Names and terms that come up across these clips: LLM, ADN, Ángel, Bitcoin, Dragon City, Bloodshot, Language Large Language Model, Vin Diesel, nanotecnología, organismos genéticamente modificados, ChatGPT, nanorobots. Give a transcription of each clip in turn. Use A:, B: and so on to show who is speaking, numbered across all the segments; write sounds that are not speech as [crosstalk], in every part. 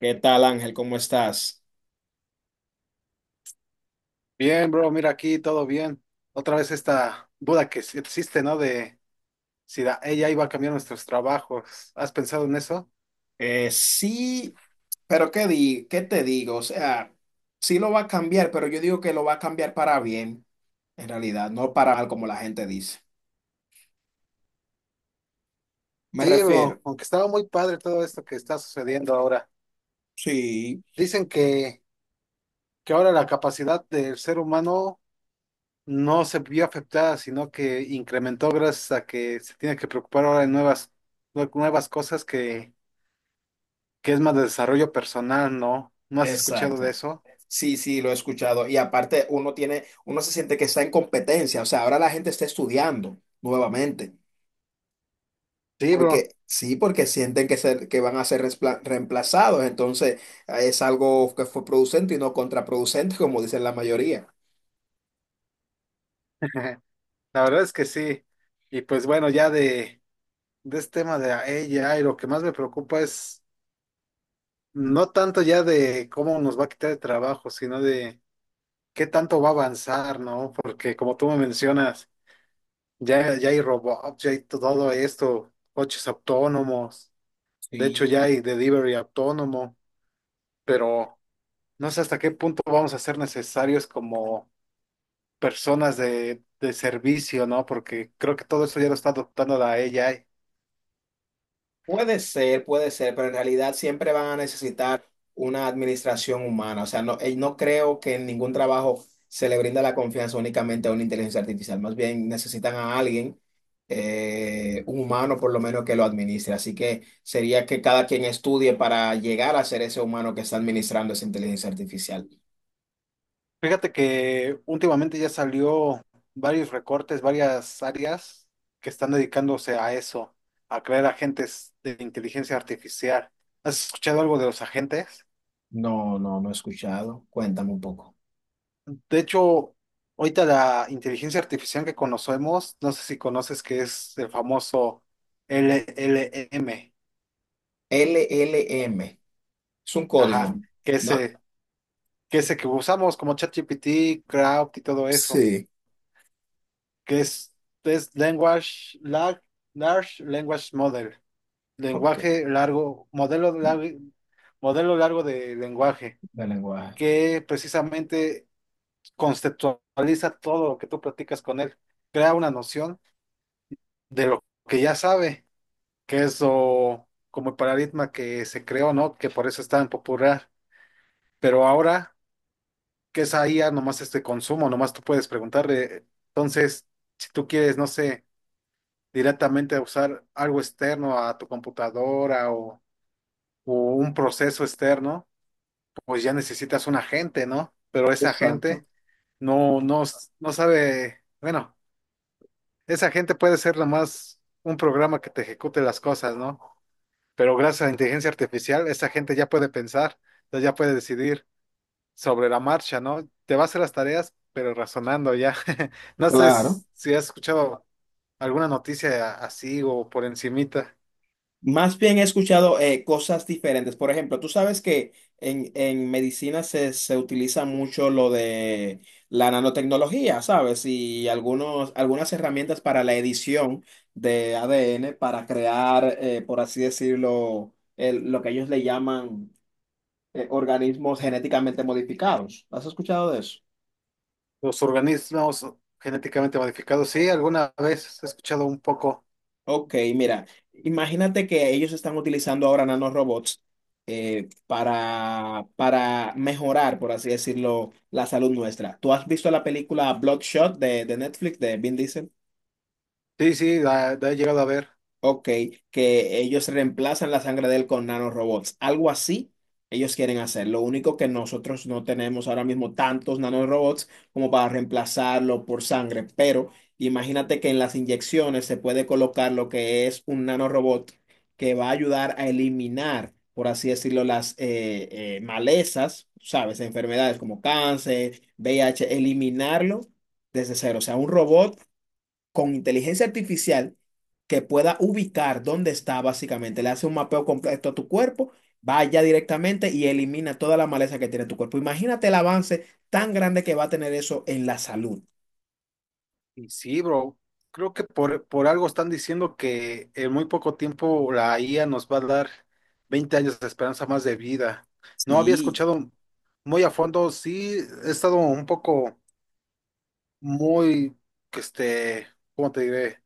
A: ¿Qué tal, Ángel? ¿Cómo estás?
B: Bien, bro, mira aquí, todo bien. Otra vez esta duda que sí existe, ¿no? De si la ella iba a cambiar nuestros trabajos. ¿Has pensado en eso?
A: Sí, pero ¿qué te digo? O sea, sí lo va a cambiar, pero yo digo que lo va a cambiar para bien, en realidad, no para mal como la gente dice. Me
B: Sí, bro,
A: refiero.
B: aunque estaba muy padre todo esto que está sucediendo ahora.
A: Sí,
B: Dicen que ahora la capacidad del ser humano no se vio afectada, sino que incrementó gracias a que se tiene que preocupar ahora en nuevas, nuevas cosas que es más de desarrollo personal, ¿no? ¿No has escuchado de
A: exacto.
B: eso?
A: Sí, sí, lo he escuchado. Y aparte, uno se siente que está en competencia. O sea, ahora la gente está estudiando nuevamente.
B: Sí, bro.
A: Porque sí, porque sienten que, que van a ser reemplazados, entonces es algo que fue producente y no contraproducente, [laughs] como dicen la mayoría.
B: [laughs] La verdad es que sí. Y pues bueno, ya de este tema de ella, y lo que más me preocupa es no tanto ya de cómo nos va a quitar el trabajo, sino de qué tanto va a avanzar, ¿no? Porque como tú me mencionas, ya hay robots, ya hay todo esto, coches autónomos, de hecho ya
A: Sí.
B: hay delivery autónomo, pero no sé hasta qué punto vamos a ser necesarios como personas de servicio, ¿no? Porque creo que todo eso ya lo está adoptando la ella.
A: Puede ser, pero en realidad siempre van a necesitar una administración humana. O sea, no, no creo que en ningún trabajo se le brinda la confianza únicamente a una inteligencia artificial. Más bien necesitan a alguien, un humano por lo menos, que lo administre. Así que sería que cada quien estudie para llegar a ser ese humano que está administrando esa inteligencia artificial.
B: Fíjate que últimamente ya salió varios recortes, varias áreas que están dedicándose a eso, a crear agentes de inteligencia artificial. ¿Has escuchado algo de los agentes?
A: No, no, no he escuchado. Cuéntame un poco.
B: De hecho, ahorita la inteligencia artificial que conocemos, no sé si conoces que es el famoso LLM,
A: LLM. Es un código,
B: ajá, que
A: ¿no?
B: ese, que ese que usamos como ChatGPT, Crowd y todo eso,
A: Sí.
B: que es Language, Large Large Language Model.
A: Ok.
B: Lenguaje largo, modelo largo, modelo largo de lenguaje,
A: De lenguaje.
B: que precisamente conceptualiza todo lo que tú practicas con él, crea una noción de lo que ya sabe, que es como el paradigma que se creó, ¿no? Que por eso es tan popular. Pero ahora, que es ahí ya nomás este consumo, nomás tú puedes preguntarle. Entonces, si tú quieres, no sé, directamente usar algo externo a tu computadora o un proceso externo, pues ya necesitas un agente, ¿no? Pero ese agente
A: Exacto.
B: no, no, no sabe, bueno, ese agente puede ser nomás un programa que te ejecute las cosas, ¿no? Pero gracias a la inteligencia artificial, esa gente ya puede pensar, entonces ya puede decidir sobre la marcha, ¿no? Te va a hacer las tareas, pero razonando ya. [laughs] No sé
A: Claro.
B: si has escuchado alguna noticia así o por encimita.
A: Más bien he escuchado cosas diferentes. Por ejemplo, tú sabes que en medicina se utiliza mucho lo de la nanotecnología, ¿sabes? Y algunas herramientas para la edición de ADN para crear, por así decirlo, lo que ellos le llaman organismos genéticamente modificados. ¿Has escuchado de eso?
B: Los organismos genéticamente modificados, sí, alguna vez he escuchado un poco.
A: Ok, mira, imagínate que ellos están utilizando ahora nanorobots para mejorar, por así decirlo, la salud nuestra. ¿Tú has visto la película Bloodshot de Netflix de Vin Diesel?
B: Sí, sí, la he llegado a ver.
A: Ok, que ellos reemplazan la sangre de él con nanorobots. Algo así ellos quieren hacer. Lo único que nosotros no tenemos ahora mismo tantos nanorobots como para reemplazarlo por sangre. Pero imagínate que en las inyecciones se puede colocar lo que es un nanorobot que va a ayudar a eliminar, por así decirlo, las malezas, ¿sabes? Enfermedades como cáncer, VIH, eliminarlo desde cero. O sea, un robot con inteligencia artificial que pueda ubicar dónde está básicamente. Le hace un mapeo completo a tu cuerpo, va allá directamente y elimina toda la maleza que tiene tu cuerpo. Imagínate el avance tan grande que va a tener eso en la salud.
B: Y sí, bro, creo que por algo están diciendo que en muy poco tiempo la IA nos va a dar 20 años de esperanza más de vida. No había
A: Sí.
B: escuchado muy a fondo, sí, he estado un poco muy, que este, ¿cómo te diré?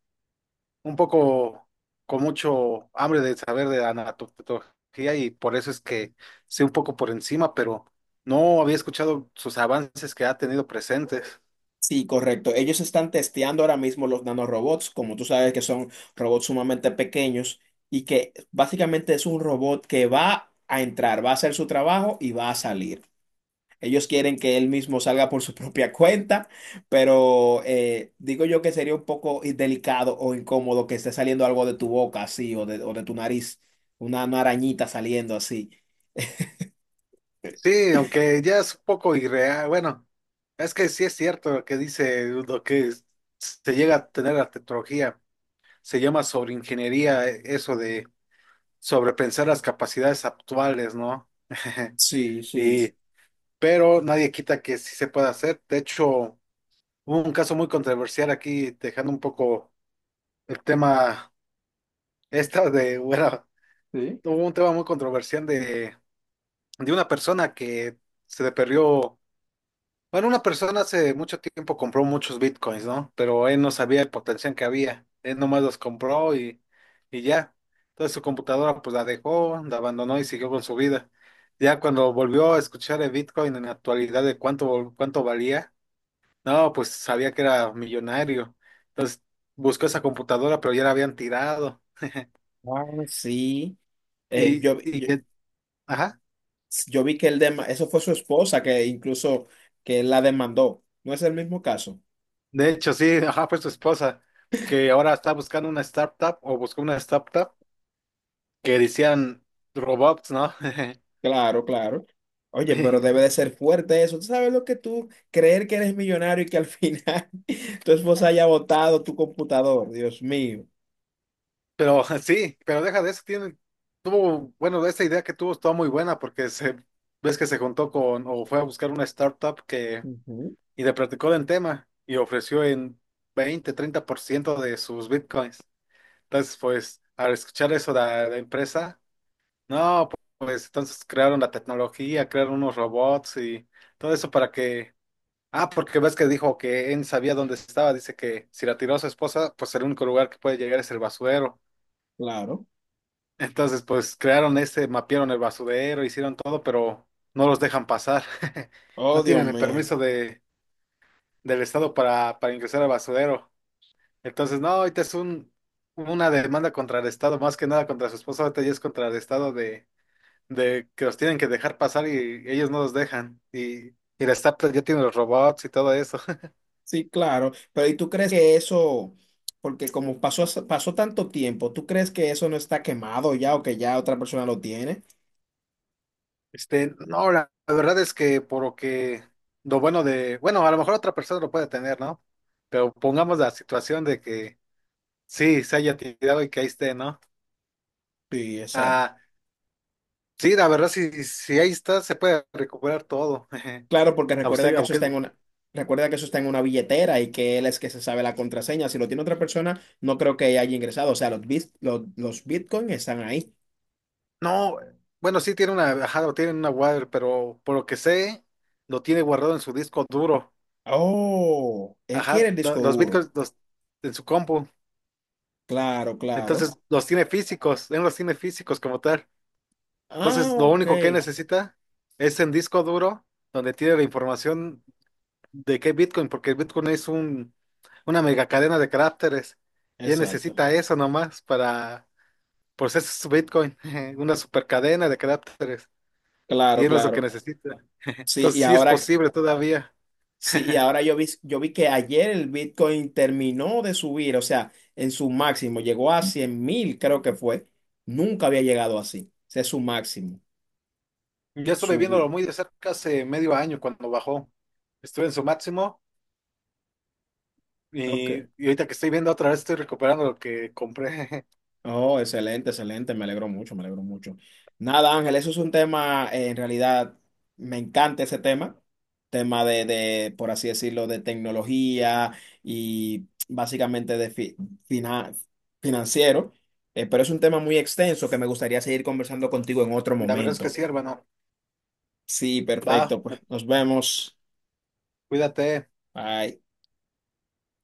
B: Un poco con mucho hambre de saber de anatomía y por eso es que sé un poco por encima, pero no había escuchado sus avances que ha tenido presentes.
A: Sí, correcto. Ellos están testeando ahora mismo los nanorobots, como tú sabes que son robots sumamente pequeños y que básicamente es un robot que va a entrar, va a hacer su trabajo y va a salir. Ellos quieren que él mismo salga por su propia [laughs] cuenta, pero digo yo que sería un poco delicado o incómodo que esté saliendo algo de tu boca así o de tu nariz, una arañita saliendo así.
B: Sí, aunque ya es un poco irreal. Bueno, es que sí es cierto lo que dice, se llega a tener la tecnología. Se llama sobreingeniería, eso de sobrepensar las capacidades actuales, ¿no? [laughs]
A: Sí, sí.
B: Y, pero nadie quita que sí se pueda hacer. De hecho, hubo un caso muy controversial aquí, dejando un poco el tema [laughs] bueno,
A: Sí.
B: hubo un tema muy controversial de una persona que se le perdió. Bueno, una persona hace mucho tiempo compró muchos bitcoins, ¿no? Pero él no sabía el potencial que había. Él nomás los compró y ya. Entonces su computadora pues la dejó, la abandonó y siguió con su vida. Ya cuando volvió a escuchar el bitcoin en la actualidad de cuánto valía, no, pues sabía que era millonario. Entonces buscó esa computadora, pero ya la habían tirado.
A: Ah, sí. Eh,
B: Y,
A: yo,
B: y,
A: yo,
B: ajá,
A: yo vi que eso fue su esposa que incluso que él la demandó. ¿No es el mismo caso?
B: de hecho sí, [laughs] ajá, fue su esposa, que ahora está buscando una startup o buscó una startup que decían robots, ¿no?
A: Claro, claro. Oye, pero
B: [laughs]
A: debe de ser fuerte eso. ¿Tú sabes lo que tú creer que eres millonario y que al final [laughs] tu esposa haya botado tu computador? Dios mío.
B: Pero sí, pero deja de eso, tiene, tuvo, bueno, esta idea que tuvo estaba muy buena porque se, ves que se juntó con, o fue a buscar una startup
A: Ujú.
B: y le platicó del tema y ofreció en 20, 30% de sus bitcoins. Entonces, pues, al escuchar eso de la empresa, no, pues, entonces crearon la tecnología, crearon unos robots y todo eso para que. Ah, porque ves que dijo que él sabía dónde estaba. Dice que si la tiró a su esposa, pues el único lugar que puede llegar es el basurero.
A: Claro.
B: Entonces, pues crearon este, mapearon el basurero, hicieron todo, pero no los dejan pasar. [laughs]
A: Oh,
B: No
A: Dios
B: tienen el
A: mío.
B: permiso de, del Estado para ingresar al basurero. Entonces, no, ahorita es un, una demanda contra el Estado, más que nada contra su esposa, ahorita ya es contra el Estado de que los tienen que dejar pasar y ellos no los dejan. Y el Estado ya tiene los robots y todo eso.
A: Sí, claro. Pero ¿y tú crees que eso, porque como pasó, pasó tanto tiempo, ¿tú crees que eso no está quemado ya o que ya otra persona lo tiene?
B: Este, no, la verdad es que por lo que lo bueno de, bueno, a lo mejor otra persona lo puede tener, ¿no? Pero pongamos la situación de que sí, se haya tirado y que ahí esté, ¿no?
A: Sí, exacto.
B: Ah, sí, la verdad, si ahí está, se puede recuperar todo. [laughs]
A: Claro, porque
B: A usted,
A: recuerda que eso
B: aunque,
A: está en una, recuerda que eso está en una billetera y que él es que se sabe la contraseña. Si lo tiene otra persona, no creo que haya ingresado. O sea, los bitcoins están ahí.
B: no, bueno, sí tiene una, ajá, lo tiene en una wire, pero por lo que sé, lo tiene guardado en su disco duro.
A: Oh, él quiere
B: Ajá,
A: el
B: lo-
A: disco
B: los
A: duro.
B: bitcoins en su compu.
A: Claro, claro.
B: Entonces, los tiene físicos, él los tiene físicos como tal.
A: Ah,
B: Entonces, lo
A: ok.
B: único que necesita es el disco duro donde tiene la información de qué Bitcoin, porque Bitcoin es una mega cadena de caracteres. Y él
A: Exacto.
B: necesita eso nomás pues ese es su Bitcoin, [laughs] una super cadena de caracteres. Y
A: Claro,
B: eso es lo que
A: claro.
B: necesita.
A: Sí,
B: Entonces,
A: y
B: sí es
A: ahora,
B: posible todavía.
A: sí, y
B: [laughs]
A: ahora yo vi que ayer el Bitcoin terminó de subir, o sea, en su máximo, llegó a 100.000, creo que fue. Nunca había llegado así. Ese es su máximo.
B: Yo estuve
A: Subió.
B: viéndolo muy de cerca hace medio año cuando bajó. Estuve en su máximo
A: Ok.
B: y ahorita que estoy viendo otra vez estoy recuperando lo que compré.
A: Oh, excelente, excelente, me alegro mucho, me alegro mucho. Nada, Ángel, eso es un tema, en realidad, me encanta ese tema, por así decirlo, de tecnología y básicamente de fina- financiero, pero es un tema muy extenso que me gustaría seguir conversando contigo en otro
B: [laughs] La verdad es que
A: momento.
B: sí, hermano.
A: Sí,
B: Va,
A: perfecto, pues nos vemos.
B: cuídate.
A: Bye.